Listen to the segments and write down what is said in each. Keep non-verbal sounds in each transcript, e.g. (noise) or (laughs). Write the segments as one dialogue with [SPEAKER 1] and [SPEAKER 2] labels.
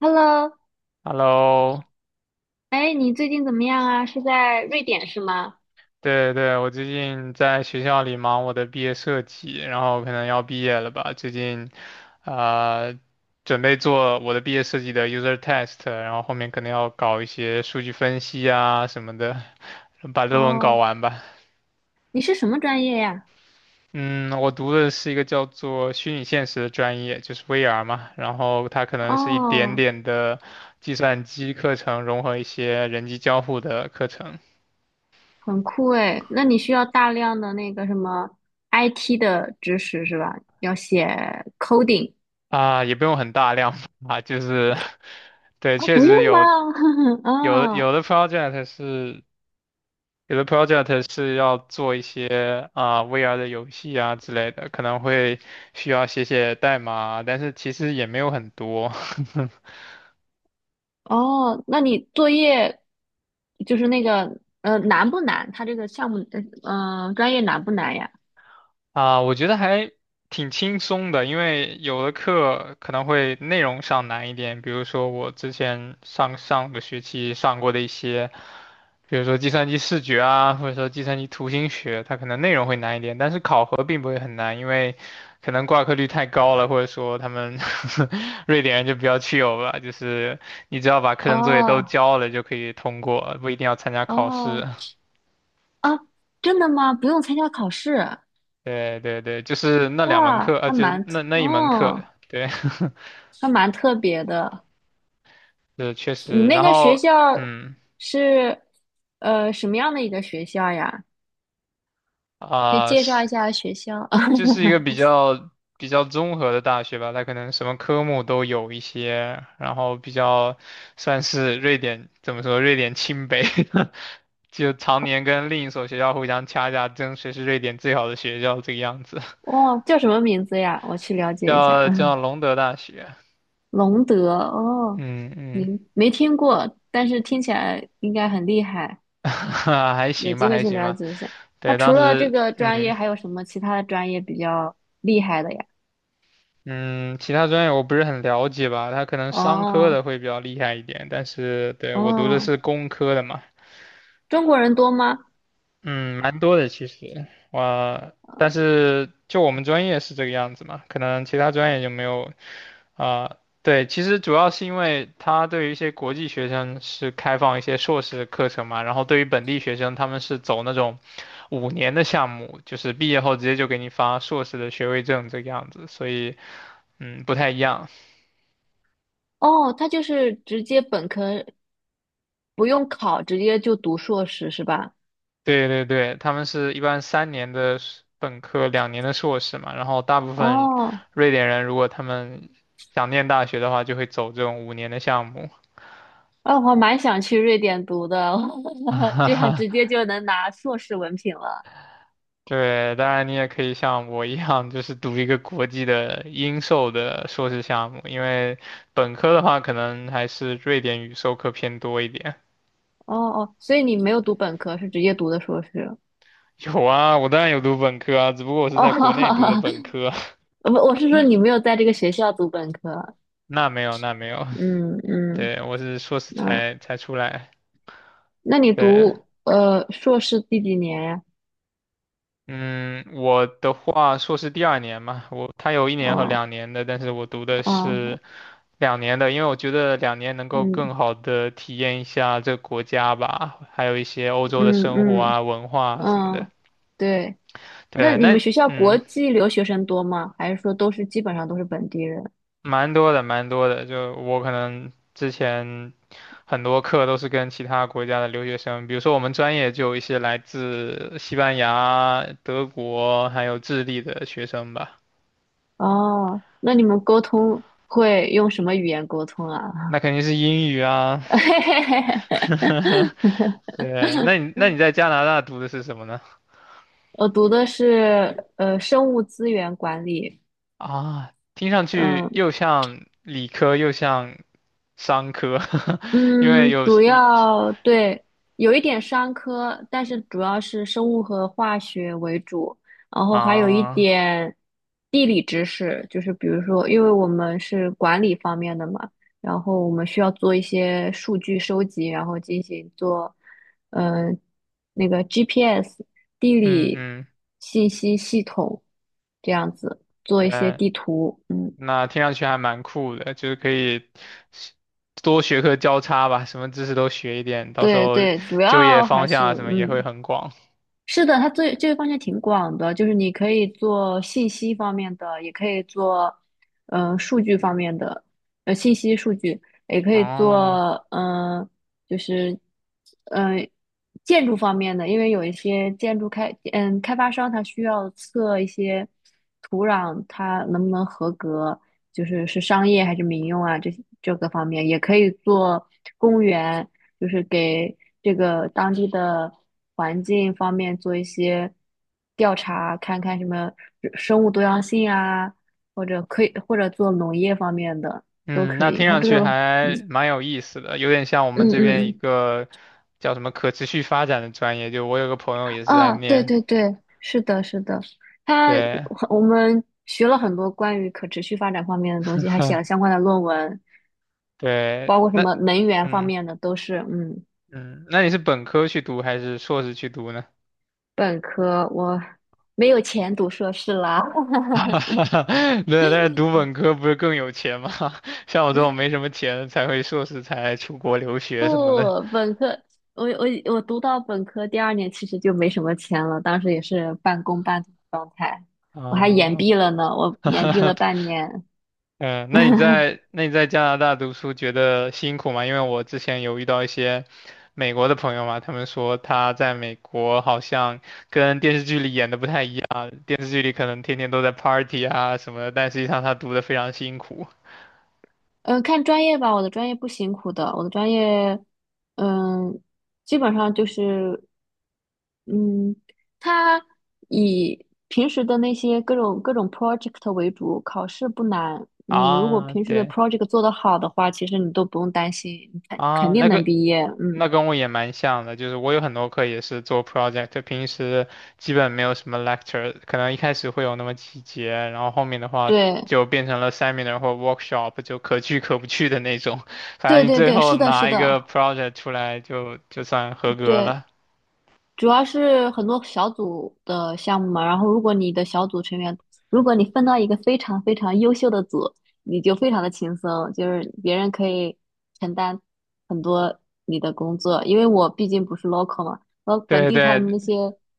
[SPEAKER 1] Hello，
[SPEAKER 2] Hello,
[SPEAKER 1] 哎，你最近怎么样啊？是在瑞典是吗？
[SPEAKER 2] 对对，我最近在学校里忙我的毕业设计，然后可能要毕业了吧。最近，呃，准备做我的毕业设计的 user test,然后后面可能要搞一些数据分析啊什么的，把论文搞
[SPEAKER 1] 哦，
[SPEAKER 2] 完吧。
[SPEAKER 1] 你是什么专业呀？
[SPEAKER 2] 嗯，我读的是一个叫做虚拟现实的专业，就是 VR 嘛，然后它可能是一点
[SPEAKER 1] 哦，
[SPEAKER 2] 点的计算机课程融合一些人机交互的课程。
[SPEAKER 1] 很酷哎，那你需要大量的那个什么 IT 的知识是吧？要写 coding
[SPEAKER 2] 啊，也不用很大量啊，(laughs) 就是，(laughs) 对，
[SPEAKER 1] 哦，
[SPEAKER 2] 确
[SPEAKER 1] 不用
[SPEAKER 2] 实
[SPEAKER 1] 吧？
[SPEAKER 2] 有
[SPEAKER 1] (laughs)
[SPEAKER 2] 有的
[SPEAKER 1] 啊？
[SPEAKER 2] 有的 project 是有的 project 是要做一些啊、VR 的游戏啊之类的，可能会需要写写代码啊但是其实也没有很多。(laughs)
[SPEAKER 1] 哦，那你作业就是那个难不难？它这个项目专业难不难呀？
[SPEAKER 2] 啊，我觉得还挺轻松的，因为有的课可能会内容上难一点，比如说我之前上个学期上过的一些，比如说计算机视觉啊，或者说计算机图形学，它可能内容会难一点，但是考核并不会很难，因为可能挂科率太高了，或者说他们 (laughs) 瑞典人就比较 c h 吧，就是你只要把课程作业都
[SPEAKER 1] 哦
[SPEAKER 2] 交了就可以通过，不一定要参加考试。
[SPEAKER 1] 哦啊，真的吗？不用参加考试？
[SPEAKER 2] 对对对，就是那两门
[SPEAKER 1] 哇，
[SPEAKER 2] 课，就是那一门课对，(laughs)
[SPEAKER 1] 还蛮特别的。
[SPEAKER 2] 是确
[SPEAKER 1] 你
[SPEAKER 2] 实，
[SPEAKER 1] 那
[SPEAKER 2] 然
[SPEAKER 1] 个学
[SPEAKER 2] 后，
[SPEAKER 1] 校
[SPEAKER 2] 嗯，
[SPEAKER 1] 是什么样的一个学校呀？可以
[SPEAKER 2] 啊、
[SPEAKER 1] 介绍一
[SPEAKER 2] 是
[SPEAKER 1] 下学校。
[SPEAKER 2] 就是一个比
[SPEAKER 1] (laughs)
[SPEAKER 2] 较比较综合的大学吧，它可能什么科目都有一些，然后比较算是瑞典怎么说，瑞典清北，(laughs) 就常年跟另一所学校互相掐架，争谁是瑞典最好的学校这个样子，
[SPEAKER 1] 哦，叫什么名字呀？我去了
[SPEAKER 2] (laughs)
[SPEAKER 1] 解一下。(laughs)
[SPEAKER 2] 叫
[SPEAKER 1] 嗯，
[SPEAKER 2] 隆德大学，
[SPEAKER 1] 隆德哦，
[SPEAKER 2] 嗯嗯，
[SPEAKER 1] 您没听过，但是听起来应该很厉害，
[SPEAKER 2] (laughs) 还
[SPEAKER 1] 有
[SPEAKER 2] 行吧，
[SPEAKER 1] 机会
[SPEAKER 2] 还
[SPEAKER 1] 去
[SPEAKER 2] 行
[SPEAKER 1] 了
[SPEAKER 2] 吧，
[SPEAKER 1] 解一下。它
[SPEAKER 2] 对，
[SPEAKER 1] 除
[SPEAKER 2] 当
[SPEAKER 1] 了这
[SPEAKER 2] 时。
[SPEAKER 1] 个专
[SPEAKER 2] 嗯，
[SPEAKER 1] 业，还有什么其他的专业比较厉害的呀？
[SPEAKER 2] 嗯，其他专业我不是很了解吧，他可能商科的
[SPEAKER 1] 哦，
[SPEAKER 2] 会比较厉害一点，但是对，我读的
[SPEAKER 1] 哦，
[SPEAKER 2] 是工科的嘛，
[SPEAKER 1] 中国人多吗？
[SPEAKER 2] 嗯，蛮多的其实，我，但是就我们专业是这个样子嘛，可能其他专业就没有啊，对，其实主要是因为他对于一些国际学生是开放一些硕士课程嘛，然后对于本地学生他们是走那种五年的项目，就是毕业后直接就给你发硕士的学位证这个样子，所以嗯不太一样。
[SPEAKER 1] 哦，他就是直接本科不用考，直接就读硕士是吧？
[SPEAKER 2] 对对对，他们是一般3年的硕本科，2年的硕士嘛。然后大部分
[SPEAKER 1] 哦，
[SPEAKER 2] 瑞典人，如果他们想念大学的话，就会走这种五年的项目。
[SPEAKER 1] 哎，我还蛮想去瑞典读的，(laughs) 这样
[SPEAKER 2] (laughs)
[SPEAKER 1] 直接就能拿硕士文凭了。
[SPEAKER 2] 对，当然你也可以像我一样，就是读一个国际的英授的硕士项目，因为本科的话，可能还是瑞典语授课偏多一点。
[SPEAKER 1] 哦哦，所以你没有读本科，是直接读的硕士。
[SPEAKER 2] (laughs) 有啊，我当然有读本科啊，只不过我是在国内读的
[SPEAKER 1] 哦，
[SPEAKER 2] 本
[SPEAKER 1] (laughs)
[SPEAKER 2] 科。
[SPEAKER 1] 我是说你没有在这个学校读本科。
[SPEAKER 2] (laughs) 那没有，那没有，
[SPEAKER 1] 嗯
[SPEAKER 2] (laughs)
[SPEAKER 1] 嗯
[SPEAKER 2] 对，我是硕士
[SPEAKER 1] 啊，
[SPEAKER 2] 才出来。
[SPEAKER 1] 那你
[SPEAKER 2] 对，
[SPEAKER 1] 读硕士第几年呀？
[SPEAKER 2] 嗯，我的话，硕士第2年嘛，我他有一年和
[SPEAKER 1] 哦
[SPEAKER 2] 两年的，但是我读的
[SPEAKER 1] 哦，
[SPEAKER 2] 是两年的，因为我觉得2年能够
[SPEAKER 1] 嗯
[SPEAKER 2] 更好的体验一下这个国家吧，还有一些欧洲的
[SPEAKER 1] 嗯
[SPEAKER 2] 生活
[SPEAKER 1] 嗯
[SPEAKER 2] 啊、文化啊什么的。
[SPEAKER 1] 嗯，对。那
[SPEAKER 2] 对，
[SPEAKER 1] 你
[SPEAKER 2] 那
[SPEAKER 1] 们学校国
[SPEAKER 2] 嗯，
[SPEAKER 1] 际留学生多吗？还是说都是基本上都是本地人？
[SPEAKER 2] 蛮多的，蛮多的。就我可能之前很多课都是跟其他国家的留学生，比如说我们专业就有一些来自西班牙、德国还有智利的学生吧。
[SPEAKER 1] 哦，那你们沟通会用什么语言沟通
[SPEAKER 2] 那
[SPEAKER 1] 啊？
[SPEAKER 2] 肯定是英语啊，
[SPEAKER 1] (laughs)
[SPEAKER 2] (laughs) 对，那你在加拿大读的是什么呢？
[SPEAKER 1] 我读的是生物资源管理，
[SPEAKER 2] 啊，听上去
[SPEAKER 1] 嗯。
[SPEAKER 2] 又像理科又像商科，(laughs) 因为
[SPEAKER 1] 嗯，
[SPEAKER 2] 有
[SPEAKER 1] 主
[SPEAKER 2] 理
[SPEAKER 1] 要对，有一点商科，但是主要是生物和化学为主，然后还有一
[SPEAKER 2] 啊，
[SPEAKER 1] 点地理知识，就是比如说，因为我们是管理方面的嘛，然后我们需要做一些数据收集，然后进行做，嗯、那个 GPS 地
[SPEAKER 2] 嗯
[SPEAKER 1] 理
[SPEAKER 2] 嗯，
[SPEAKER 1] 信息系统这样子做一些
[SPEAKER 2] 对，
[SPEAKER 1] 地图，嗯，
[SPEAKER 2] 那听上去还蛮酷的，就是可以多学科交叉吧，什么知识都学一点，到时
[SPEAKER 1] 对
[SPEAKER 2] 候
[SPEAKER 1] 对，主
[SPEAKER 2] 就业
[SPEAKER 1] 要还
[SPEAKER 2] 方向
[SPEAKER 1] 是
[SPEAKER 2] 啊什么也会
[SPEAKER 1] 嗯。
[SPEAKER 2] 很广。
[SPEAKER 1] 是的，它最这个方向挺广的，就是你可以做信息方面的，也可以做，数据方面的，信息数据，也可以
[SPEAKER 2] 哦，
[SPEAKER 1] 做，就是，嗯、呃建筑方面的，因为有一些建筑开，嗯，开发商他需要测一些土壤它能不能合格，就是是商业还是民用啊，这个方面也可以做公园，就是给这个当地的环境方面做一些调查，看看什么生物多样性啊，或者可以或者做农业方面的都
[SPEAKER 2] 嗯，
[SPEAKER 1] 可
[SPEAKER 2] 那
[SPEAKER 1] 以。
[SPEAKER 2] 听
[SPEAKER 1] 它
[SPEAKER 2] 上
[SPEAKER 1] 这
[SPEAKER 2] 去
[SPEAKER 1] 个，
[SPEAKER 2] 还蛮有意思的，有点像我们
[SPEAKER 1] 嗯
[SPEAKER 2] 这
[SPEAKER 1] 嗯
[SPEAKER 2] 边一
[SPEAKER 1] 嗯，
[SPEAKER 2] 个叫什么可持续发展的专业，就我有个朋友也是在
[SPEAKER 1] 啊，对
[SPEAKER 2] 念，
[SPEAKER 1] 对对，是的，是的，它
[SPEAKER 2] 对，
[SPEAKER 1] 我们学了很多关于可持续发展方面的东西，还写了
[SPEAKER 2] (laughs)
[SPEAKER 1] 相关的论文，
[SPEAKER 2] 对，
[SPEAKER 1] 包括什
[SPEAKER 2] 那，
[SPEAKER 1] 么能源方
[SPEAKER 2] 嗯
[SPEAKER 1] 面的都是，嗯，
[SPEAKER 2] 嗯，那你是本科去读还是硕士去读呢？
[SPEAKER 1] 本科我没有钱读硕士啦。(laughs)
[SPEAKER 2] (laughs) 对，但是读本科不是更有钱吗？(laughs) 像我这种没什么钱的才会硕士才出国留学什么的
[SPEAKER 1] 不，本科我我我读到本科第二年，其实就没什么钱了，当时也是半工半读的状态，我还延
[SPEAKER 2] 啊。
[SPEAKER 1] 毕了呢，我延毕了
[SPEAKER 2] (laughs)
[SPEAKER 1] 半年。
[SPEAKER 2] 嗯，那你
[SPEAKER 1] (laughs)
[SPEAKER 2] 在那你在加拿大读书觉得辛苦吗？因为我之前有遇到一些美国的朋友嘛，他们说他在美国好像跟电视剧里演的不太一样，电视剧里可能天天都在 party 啊什么的，但实际上他读的非常辛苦
[SPEAKER 1] 嗯，看专业吧，我的专业不辛苦的，我的专业，嗯，基本上就是，嗯，它以平时的那些各种 project 为主，考试不难。你如果
[SPEAKER 2] 啊。
[SPEAKER 1] 平时的
[SPEAKER 2] 对
[SPEAKER 1] project 做得好的话，其实你都不用担心，你肯肯
[SPEAKER 2] 啊，
[SPEAKER 1] 定
[SPEAKER 2] 那
[SPEAKER 1] 能
[SPEAKER 2] 个。
[SPEAKER 1] 毕业。嗯，
[SPEAKER 2] 那跟我也蛮像的，就是我有很多课也是做 project,平时基本没有什么 lecture,可能一开始会有那么几节，然后后面的话
[SPEAKER 1] 对。
[SPEAKER 2] 就变成了 seminar 或 workshop,就可去可不去的那种。(laughs) 反正
[SPEAKER 1] 对
[SPEAKER 2] 你
[SPEAKER 1] 对
[SPEAKER 2] 最
[SPEAKER 1] 对，
[SPEAKER 2] 后
[SPEAKER 1] 是的，是
[SPEAKER 2] 拿一
[SPEAKER 1] 的，
[SPEAKER 2] 个 project 出来就算合格
[SPEAKER 1] 对，
[SPEAKER 2] 了。
[SPEAKER 1] 主要是很多小组的项目嘛。然后，如果你的小组成员，如果你分到一个非常非常优秀的组，你就非常的轻松，就是别人可以承担很多你的工作。因为我毕竟不是 local 嘛，然后本
[SPEAKER 2] 对
[SPEAKER 1] 地他们那
[SPEAKER 2] 对
[SPEAKER 1] 些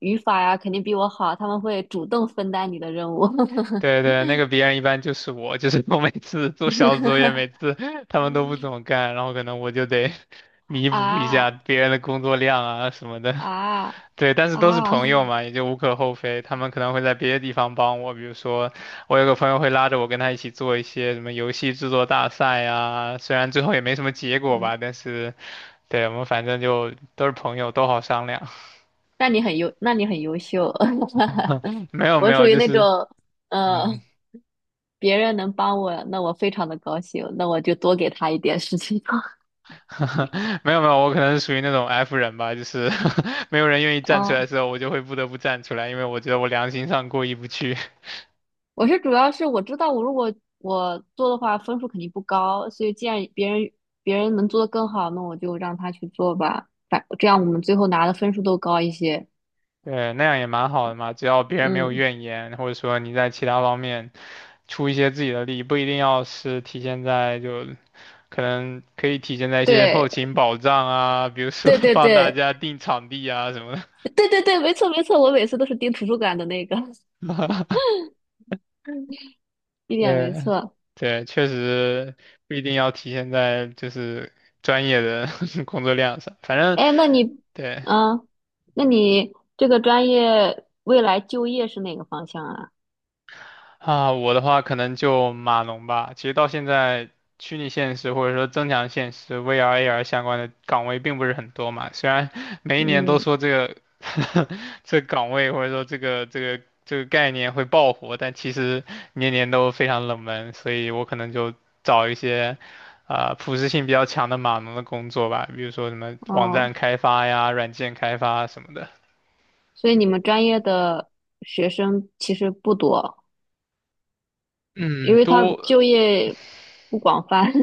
[SPEAKER 1] 语法呀，肯定比我好，他们会主动分担你的任务。
[SPEAKER 2] 对对，那个别人一般就是我，就是 (laughs) 我每次做小组作业，每
[SPEAKER 1] (laughs)
[SPEAKER 2] 次他们都不怎么干，然后可能我就得 (laughs) 弥补一下
[SPEAKER 1] 啊
[SPEAKER 2] 别人的工作量啊什么的。
[SPEAKER 1] 啊
[SPEAKER 2] 对，但是都是朋友
[SPEAKER 1] 啊！
[SPEAKER 2] 嘛，也就无可厚非。他们可能会在别的地方帮我，比如说我有个朋友会拉着我跟他一起做一些什么游戏制作大赛呀，虽然最后也没什么结果
[SPEAKER 1] (laughs)
[SPEAKER 2] 吧，但是，对，我们反正就都是朋友，都好商量。
[SPEAKER 1] 那你很优秀。(laughs)
[SPEAKER 2] (laughs) 没有没
[SPEAKER 1] 我属
[SPEAKER 2] 有，
[SPEAKER 1] 于
[SPEAKER 2] 就
[SPEAKER 1] 那种，
[SPEAKER 2] 是嗯，
[SPEAKER 1] 呃，别人能帮我，那我非常的高兴，那我就多给他一点事情做。
[SPEAKER 2] (laughs) 没有没有，我可能是属于那种 F 人吧，就是 (laughs) 没有人愿意
[SPEAKER 1] (laughs)
[SPEAKER 2] 站出来的
[SPEAKER 1] 哦，
[SPEAKER 2] 时候，我就会不得不站出来，因为我觉得我良心上过意不去。
[SPEAKER 1] 我主要是我知道，如果我做的话，分数肯定不高，所以既然别人能做得更好，那我就让他去做吧，反这样我们最后拿的分数都高一些。
[SPEAKER 2] 对，那样也蛮好的嘛，只要别人没有
[SPEAKER 1] 嗯，
[SPEAKER 2] 怨言，或者说你在其他方面出一些自己的力，不一定要是体现在就可能可以体现在一些后
[SPEAKER 1] 对，
[SPEAKER 2] 勤保障啊，比如说
[SPEAKER 1] 对
[SPEAKER 2] (laughs)
[SPEAKER 1] 对
[SPEAKER 2] 帮大
[SPEAKER 1] 对，
[SPEAKER 2] 家订场地啊什么的。
[SPEAKER 1] 对对对，没错没错，我每次都是盯图书馆的那个，(laughs) 一点
[SPEAKER 2] 对，
[SPEAKER 1] 没错。
[SPEAKER 2] 对，确实不一定要体现在就是专业的 (laughs) 工作量上，反正
[SPEAKER 1] 哎，那你，
[SPEAKER 2] 对。
[SPEAKER 1] 嗯，那你这个专业未来就业是哪个方向啊？
[SPEAKER 2] 啊，我的话可能就码农吧。其实到现在，虚拟现实或者说增强现实 VR、AR 相关的岗位并不是很多嘛。虽然每一年都
[SPEAKER 1] 嗯，
[SPEAKER 2] 说这个 (laughs) 这个岗位或者说这个概念会爆火，但其实年年都非常冷门。所以我可能就找一些啊、普适性比较强的码农的工作吧，比如说什么网站
[SPEAKER 1] 哦，
[SPEAKER 2] 开发呀、软件开发什么的。
[SPEAKER 1] 所以你们专业的学生其实不多，因
[SPEAKER 2] 嗯，
[SPEAKER 1] 为他
[SPEAKER 2] 多。
[SPEAKER 1] 就业不广泛。(laughs)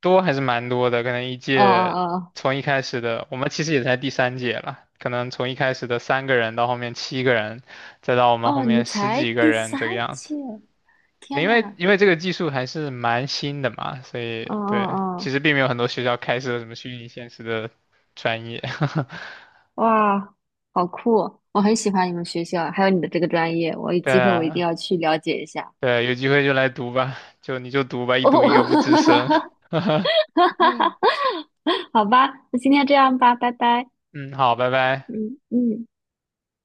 [SPEAKER 2] 多还是蛮多的，可能一
[SPEAKER 1] 哦
[SPEAKER 2] 届
[SPEAKER 1] 哦
[SPEAKER 2] 从一开始的，我们其实也才第3届了，可能从一开始的3个人到后面7个人，再到我们
[SPEAKER 1] 哦，
[SPEAKER 2] 后
[SPEAKER 1] 哦，你
[SPEAKER 2] 面
[SPEAKER 1] 们
[SPEAKER 2] 十
[SPEAKER 1] 才
[SPEAKER 2] 几个
[SPEAKER 1] 第
[SPEAKER 2] 人
[SPEAKER 1] 三
[SPEAKER 2] 这个样
[SPEAKER 1] 届，
[SPEAKER 2] 子。
[SPEAKER 1] 天
[SPEAKER 2] 因为
[SPEAKER 1] 呐，
[SPEAKER 2] 因为这个技术还是蛮新的嘛，所以
[SPEAKER 1] 哦
[SPEAKER 2] 对，其
[SPEAKER 1] 哦
[SPEAKER 2] 实并没有很多学校开设什么虚拟现实的专业。(laughs)
[SPEAKER 1] 哦，哇，好酷哦！我很喜欢你们学校，还有你的这个专业，我有
[SPEAKER 2] 对
[SPEAKER 1] 机会我一定
[SPEAKER 2] 啊
[SPEAKER 1] 要去了解一下。
[SPEAKER 2] 对啊有机会就来读吧，就你就读吧，
[SPEAKER 1] (laughs)
[SPEAKER 2] 一读一个不吱
[SPEAKER 1] 哦，
[SPEAKER 2] 声。(laughs)
[SPEAKER 1] 好吧，那今天这样吧，拜拜。
[SPEAKER 2] 嗯，好，拜拜。
[SPEAKER 1] 嗯嗯。